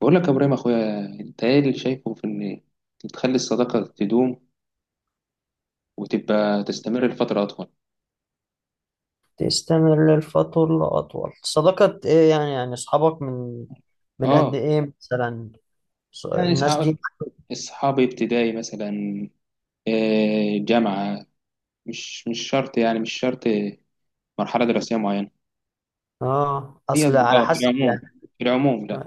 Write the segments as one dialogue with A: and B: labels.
A: بقول لك يا ابراهيم اخويا، انت ايه اللي شايفه في ان تخلي الصداقه تدوم وتبقى تستمر لفتره اطول؟
B: تستمر للفترة لأطول صداقة إيه؟ يعني أصحابك من قد
A: اه.
B: إيه مثلا؟
A: يعني
B: الناس
A: اصحاب
B: دي.
A: اصحاب ابتدائي مثلا، جامعه. مش شرط يعني، مش شرط مرحله دراسيه معينه. هي
B: أصل على
A: اصدقاء في
B: حسب
A: العموم،
B: يعني.
A: في العموم. لا.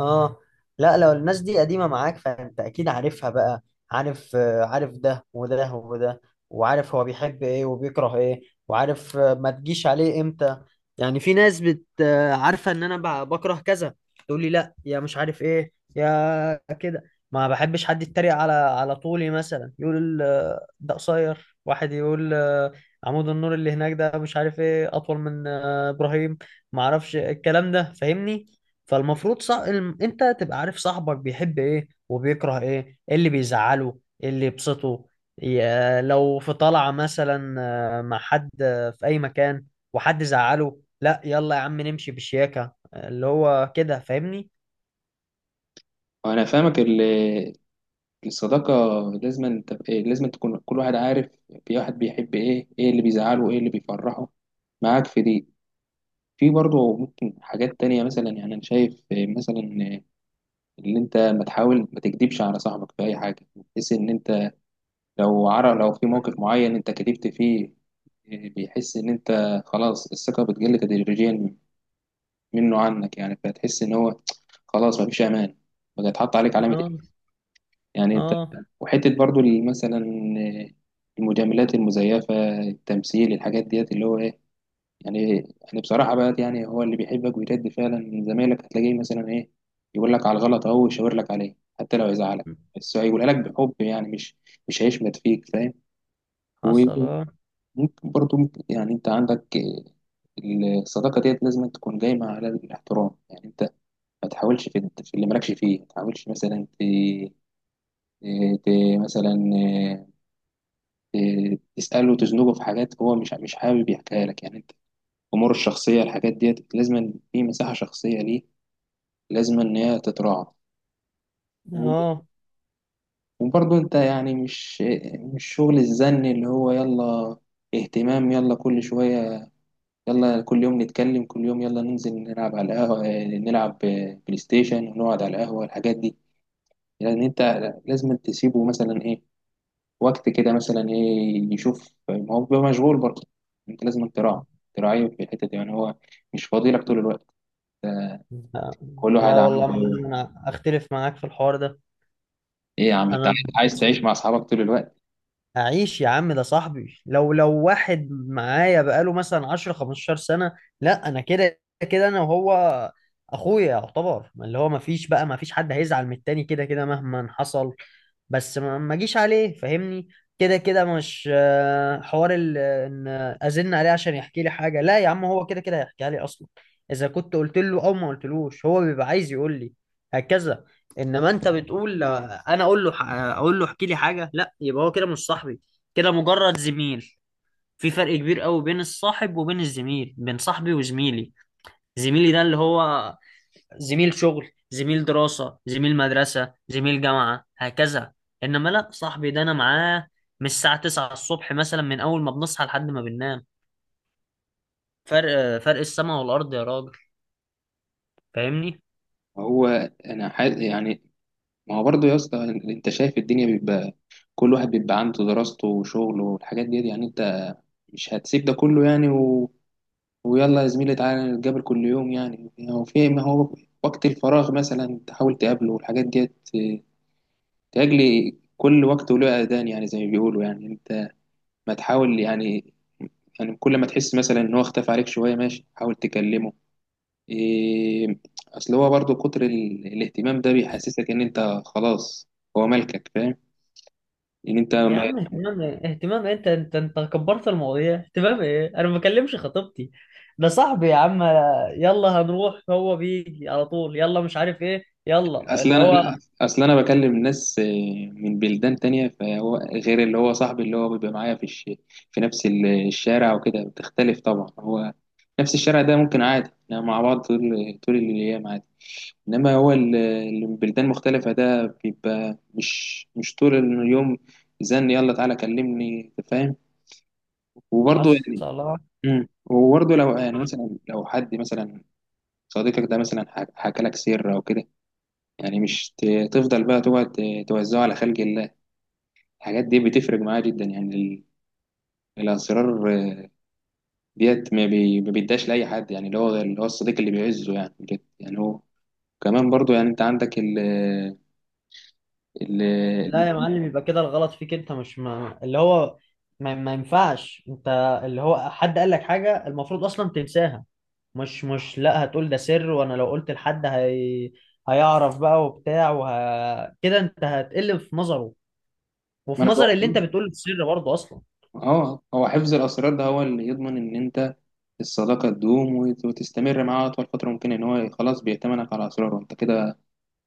B: اه. لا، لو الناس دي قديمة معاك فانت اكيد عارفها بقى. عارف، عارف ده وده وده، وعارف هو بيحب ايه وبيكره ايه، وعارف، ما تجيش عليه امتى. يعني في ناس بت آه، عارفة ان انا بكره كذا، تقول لي لا يا مش عارف ايه يا كده. ما بحبش حد يتريق على طولي مثلا، يقول ده قصير، واحد يقول عمود النور اللي هناك ده مش عارف ايه اطول من ابراهيم، ما اعرفش الكلام ده، فاهمني. فالمفروض صح، انت تبقى عارف صاحبك بيحب ايه وبيكره ايه، ايه اللي بيزعله ايه اللي يبسطه. لو في طلعة مثلا مع حد في اي مكان وحد زعله، لا يلا يا عم نمشي بشياكة، اللي هو كده، فاهمني.
A: وانا فاهمك الصداقه، انت لازم تكون كل واحد عارف. في واحد بيحب ايه، ايه اللي بيزعله، ايه اللي بيفرحه، معاك في دي. في برضه ممكن حاجات تانية مثلا، يعني أنا شايف مثلا إن أنت ما تكدبش على صاحبك في أي حاجة، بحيث إن أنت لو عرف، لو في موقف معين أنت كدبت فيه، بيحس إن أنت خلاص الثقة بتقل تدريجيا منه عنك، يعني فتحس إن هو خلاص مفيش أمان، بقى يتحط عليك علامة
B: اه.
A: إيه، يعني أنت.
B: اه،
A: وحتة برضه مثلا، المجاملات المزيفة، التمثيل، الحاجات ديت اللي هو إيه يعني. يعني بصراحة بقى، يعني هو اللي بيحبك ويرد فعلا من زمايلك هتلاقيه مثلا إيه، يقول لك على الغلط أهو ويشاور لك عليه حتى لو يزعلك، بس هيقولها لك بحب، يعني مش هيشمت فيك. فاهم؟
B: حصل. اه.
A: وممكن برضه يعني أنت عندك الصداقة ديت لازم تكون قايمة على الاحترام. يعني أنت ما تحاولش في اللي مالكش فيه، ما تحاولش مثلا ت... مثلا تسأله وتزنقه في حاجات هو مش حابب يحكيها لك يعني. امور الشخصيه، الحاجات ديت لازم، في مساحه شخصيه ليه لازم ان هي تتراعى. و-
B: اه.
A: وبرضه انت يعني مش شغل الزن، اللي هو يلا اهتمام، يلا كل شويه، يلا كل يوم نتكلم، كل يوم يلا ننزل نلعب على القهوه، نلعب بلاي ستيشن، ونقعد على القهوه الحاجات دي. يعني انت لازم تسيبه مثلا ايه وقت كده، مثلا ايه يشوف، ما هو بيبقى مشغول برضه. انت لازم تراعيه في الحته دي، يعني هو مش فاضي لك طول الوقت.
B: لا،
A: كل
B: لا
A: واحد
B: والله ما
A: عنده.
B: أنا اختلف معاك في الحوار ده.
A: ايه يا عم انت
B: انا
A: عايز تعيش مع اصحابك طول الوقت؟
B: هعيش يا عم، ده صاحبي، لو واحد معايا بقاله مثلا 10 15 سنة، لا انا كده. كده انا وهو اخويا يعتبر، ما اللي هو ما فيش بقى، ما فيش حد هيزعل من التاني كده كده مهما حصل. بس ما اجيش عليه، فاهمني. كده كده مش حوار ان ازن عليه عشان يحكي لي حاجة، لا يا عم، هو كده كده هيحكيها لي اصلا، اذا كنت قلت له او ما قلتلوش هو بيبقى عايز يقول لي هكذا. انما انت بتقول انا اقول له، احكي لي حاجه، لا يبقى هو كده مش صاحبي، كده مجرد زميل. في فرق كبير قوي بين الصاحب وبين الزميل، بين صاحبي وزميلي. زميلي ده اللي هو زميل شغل، زميل دراسه، زميل مدرسه، زميل جامعه، هكذا. انما لا، صاحبي ده انا معاه من الساعه 9 الصبح مثلا، من اول ما بنصحى لحد ما بننام. فرق السماء والارض يا راجل. فاهمني.
A: ما هو انا حاس يعني، ما هو برضه يا اسطى، انت شايف الدنيا بيبقى كل واحد بيبقى عنده دراسته وشغله والحاجات دي، يعني انت مش هتسيب ده كله يعني ويلا يا زميلي تعالى نتقابل كل يوم، يعني هو في، ما هو وقت الفراغ مثلا تحاول تقابله والحاجات دي. تأجلي كل وقت وله أذان، يعني زي ما بيقولوا، يعني انت ما تحاول يعني. يعني كل ما تحس مثلا ان هو اختفى عليك شوية ماشي، حاول تكلمه إيه. اصل هو برضو كتر الاهتمام ده بيحسسك ان انت خلاص هو ملكك. فاهم؟ ان انت
B: يا
A: ما...
B: عم اهتمام ايه؟ اهتمام إيه؟ انت كبرت المواضيع. اهتمام ايه؟ انا ما بكلمش خطيبتي، ده صاحبي يا عم. يلا هنروح، هو بيجي على طول، يلا مش عارف ايه، يلا
A: اصل
B: اللي
A: انا،
B: هو.
A: لا، اصل انا بكلم ناس إيه، من بلدان تانية، فهو غير اللي هو صاحبي اللي هو بيبقى معايا في في نفس الشارع وكده، بتختلف طبعا هو. نفس الشارع ده ممكن عادي احنا مع بعض طول الايام عادي. انما هو اللي من بلدان مختلفة ده بيبقى مش طول اليوم. زن يلا تعالى كلمني. أنت فاهم؟ وبرضه
B: عسى الله.
A: وبرضه لو يعني مثلا، لو حد مثلا صديقك ده مثلا حكى لك سر او كده، يعني مش تفضل بقى تقعد توزعه على خلق الله. الحاجات دي بتفرق معاه جدا، يعني الاسرار ديت ما بيداش لاي حد. يعني اللي هو الصديق اللي بيعزه يعني بجد، يعني هو كمان برضه، يعني انت عندك ال ال
B: لا يا معلم، يبقى كده الغلط فيك انت، مش ما اللي هو. ما ينفعش انت اللي هو حد قال لك حاجة المفروض اصلا تنساها. مش لا هتقول ده سر وانا لو قلت لحد هي هيعرف بقى وبتاع كده انت هتقل في نظره،
A: ما
B: وفي
A: انا
B: نظر اللي انت
A: بقول.
B: بتقول السر برضه اصلا.
A: اه، هو حفظ الاسرار ده هو اللي يضمن ان انت الصداقه تدوم وتستمر معاه اطول فتره ممكنه، ان هو خلاص بيأتمنك على اسراره. انت كده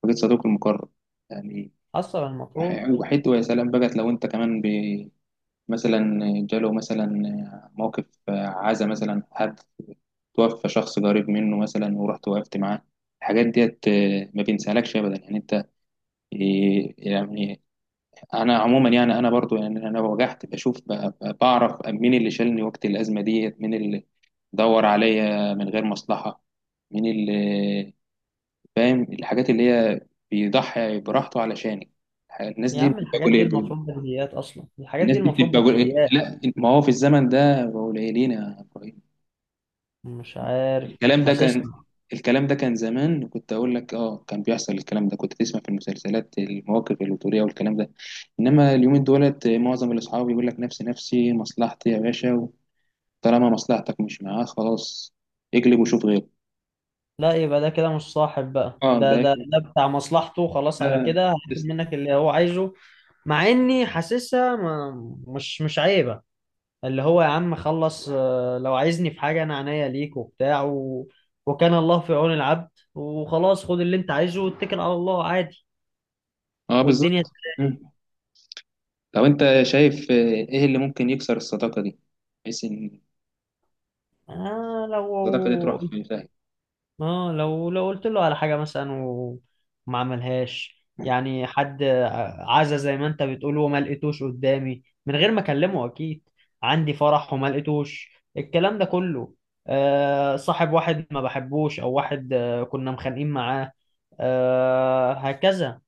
A: وجد صديقه المقرب يعني،
B: اصلا المفروض.
A: وحيد. ويا سلام بقت لو انت كمان مثلا جاله مثلا موقف عزا، مثلا حد توفى شخص قريب منه مثلا ورحت وقفت معاه. الحاجات ديت ما بينسالكش ابدا، يعني انت يعني انا عموما، يعني انا برضو يعني انا وجعت، بشوف بعرف مين اللي شالني وقت الازمه ديت، مين اللي دور عليا من غير مصلحه، مين اللي فاهم الحاجات اللي هي بيضحي براحته علشانك. الناس
B: يا
A: دي
B: عم
A: بتبقى
B: الحاجات دي
A: قليل.
B: المفروض بديهيات، اصلا الحاجات
A: الناس
B: دي
A: دي
B: المفروض
A: بتبقى قليل.
B: بديهيات.
A: لا، ما هو في الزمن ده بقوا قليلين يا إبراهيم.
B: مش عارف، مش
A: الكلام ده كان
B: حاسسها.
A: الكلام ده كان زمان، كنت اقول لك اه كان بيحصل. الكلام ده كنت تسمع في المسلسلات، المواقف الوتريه والكلام ده. انما اليومين دولت معظم الاصحاب يقول لك نفسي، نفسي، مصلحتي يا باشا. طالما مصلحتك مش معاه خلاص، اقلب وشوف غيره.
B: لا يبقى ده كده مش صاحب بقى،
A: اه،
B: ده
A: ده
B: ده ده بتاع مصلحته، خلاص على كده
A: ده
B: هياخد منك اللي هو عايزه. مع اني حاسسها مش عيبة، اللي هو يا عم خلص، لو عايزني في حاجة انا عينيا ليك وبتاع وكان الله في عون العبد، وخلاص خد اللي انت عايزه واتكل على الله عادي،
A: اه
B: والدنيا
A: بالظبط.
B: تمام.
A: لو انت شايف ايه اللي ممكن يكسر الصداقة دي، بحيث ان
B: آه لو
A: الصداقة دي تروح في فهم.
B: لو قلت له على حاجة مثلا وما عملهاش، يعني حد عزا زي ما انت بتقول وما لقيتوش قدامي، من غير ما اكلمه اكيد، عندي فرح وما لقيتوش، الكلام ده كله. صاحب واحد ما بحبوش، او واحد كنا مخانقين معاه، هكذا.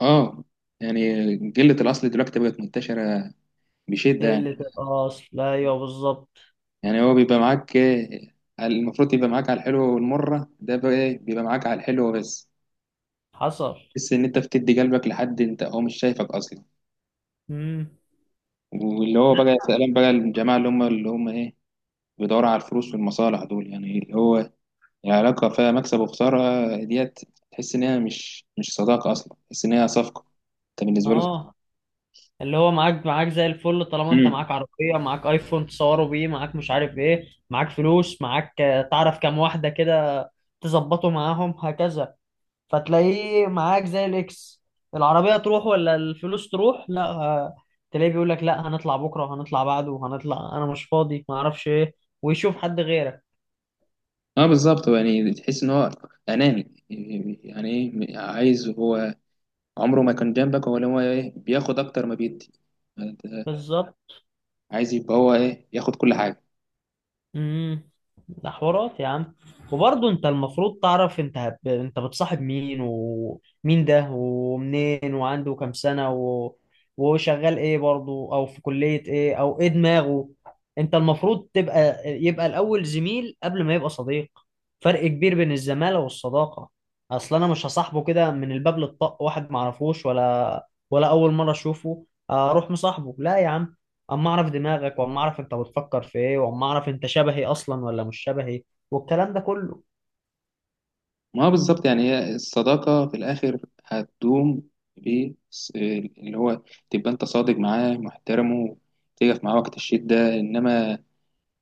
A: اه. يعني قلة الأصل دلوقتي بقت منتشرة بشدة، يعني.
B: قلة الأصل، ايوه بالظبط.
A: يعني هو بيبقى معاك المفروض يبقى معاك على الحلو والمرة، ده بقى إيه؟ بيبقى معاك على الحلو بس.
B: حصل.
A: تحس إن أنت بتدي قلبك لحد أنت هو مش شايفك أصلا.
B: امم.
A: واللي هو بقى سلام بقى الجماعة اللي هم إيه، بيدوروا على الفلوس والمصالح دول، يعني اللي هو، يعني علاقة فيها مكسب وخسارة ديت، تحس إن هي مش صداقة أصلا، تحس إن هي صفقة أنت بالنسبة له.
B: اه. اللي هو معاك زي الفل، طالما انت
A: امم
B: معاك عربية، معاك ايفون تصوروا بيه، معاك مش عارف ايه، معاك فلوس، معاك تعرف كام واحدة كده تظبطه معاهم هكذا، فتلاقيه معاك زي الاكس. العربية تروح ولا الفلوس تروح، لا تلاقيه بيقول لك لا هنطلع بكرة، وهنطلع بعده، وهنطلع انا مش فاضي، ما اعرفش ايه، ويشوف حد غيرك.
A: اه بالظبط، يعني تحس إن هو أناني. يعني إيه عايز هو، عمره ما كان جنبك، هو اللي هو إيه بياخد أكتر ما بيدي.
B: بالظبط.
A: عايز يبقى هو إيه ياخد كل حاجة.
B: امم. ده حوارات يا عم. وبرضه انت المفروض تعرف، انت بتصاحب مين، ومين ده، ومنين، وعنده كام سنة، وشغال ايه برضه، او في كلية ايه، او ايه دماغه. انت المفروض تبقى، يبقى الاول زميل قبل ما يبقى صديق. فرق كبير بين الزمالة والصداقة. اصل انا مش هصاحبه كده من الباب للطق، واحد معرفوش ولا اول مرة اشوفه اروح مصاحبه، لا يا عم. اما اعرف دماغك، واما اعرف انت بتفكر في ايه، واما اعرف انت شبهي اصلا ولا مش شبهي، والكلام ده كله.
A: ما هو بالظبط، يعني هي الصداقة في الآخر هتدوم ب اللي هو تبقى أنت صادق معاه محترمه، تقف معاه وقت الشدة. إنما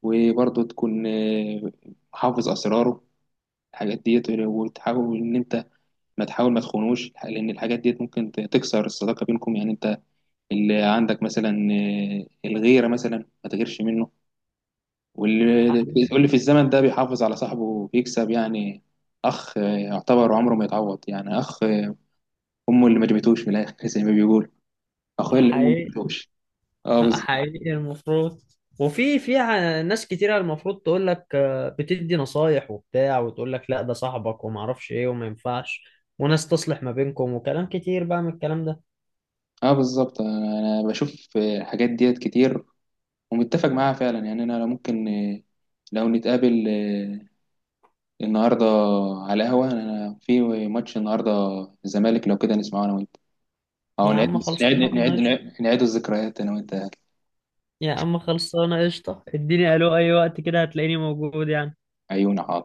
A: وبرضه تكون حافظ أسراره الحاجات ديت، وتحاول إن أنت ما تخونوش، لأن الحاجات ديت ممكن تكسر الصداقة بينكم. يعني أنت اللي عندك مثلا الغيرة مثلا، ما تغيرش منه. واللي
B: حقيقي.
A: واللي في الزمن ده بيحافظ على صاحبه وبيكسب، يعني أخ يعتبر عمره ما يتعوض يعني. أخ أمه اللي ما جابتوش من الآخر زي ما بيقول أخويا اللي أمه ما
B: حقيقي.
A: جابتوش. اه بالظبط.
B: حقيقي المفروض. وفي ناس كتيرة المفروض تقول لك، بتدي نصايح وبتاع، وتقول لك لا ده صاحبك وما اعرفش ايه وما ينفعش، وناس تصلح ما بينكم، وكلام كتير بقى من الكلام ده.
A: اه بالظبط. انا بشوف الحاجات ديت كتير ومتفق معاها فعلا. يعني انا لو ممكن لو نتقابل النهارده على قهوه، انا في ماتش النهارده، الزمالك، لو كده نسمعه انا وانت، او
B: يا عم خلصانه قشطه.
A: نعيد الذكريات انا وانت.
B: يا عم خلصانه قشطه، اديني الو اي وقت كده هتلاقيني موجود يعني.
A: عيون.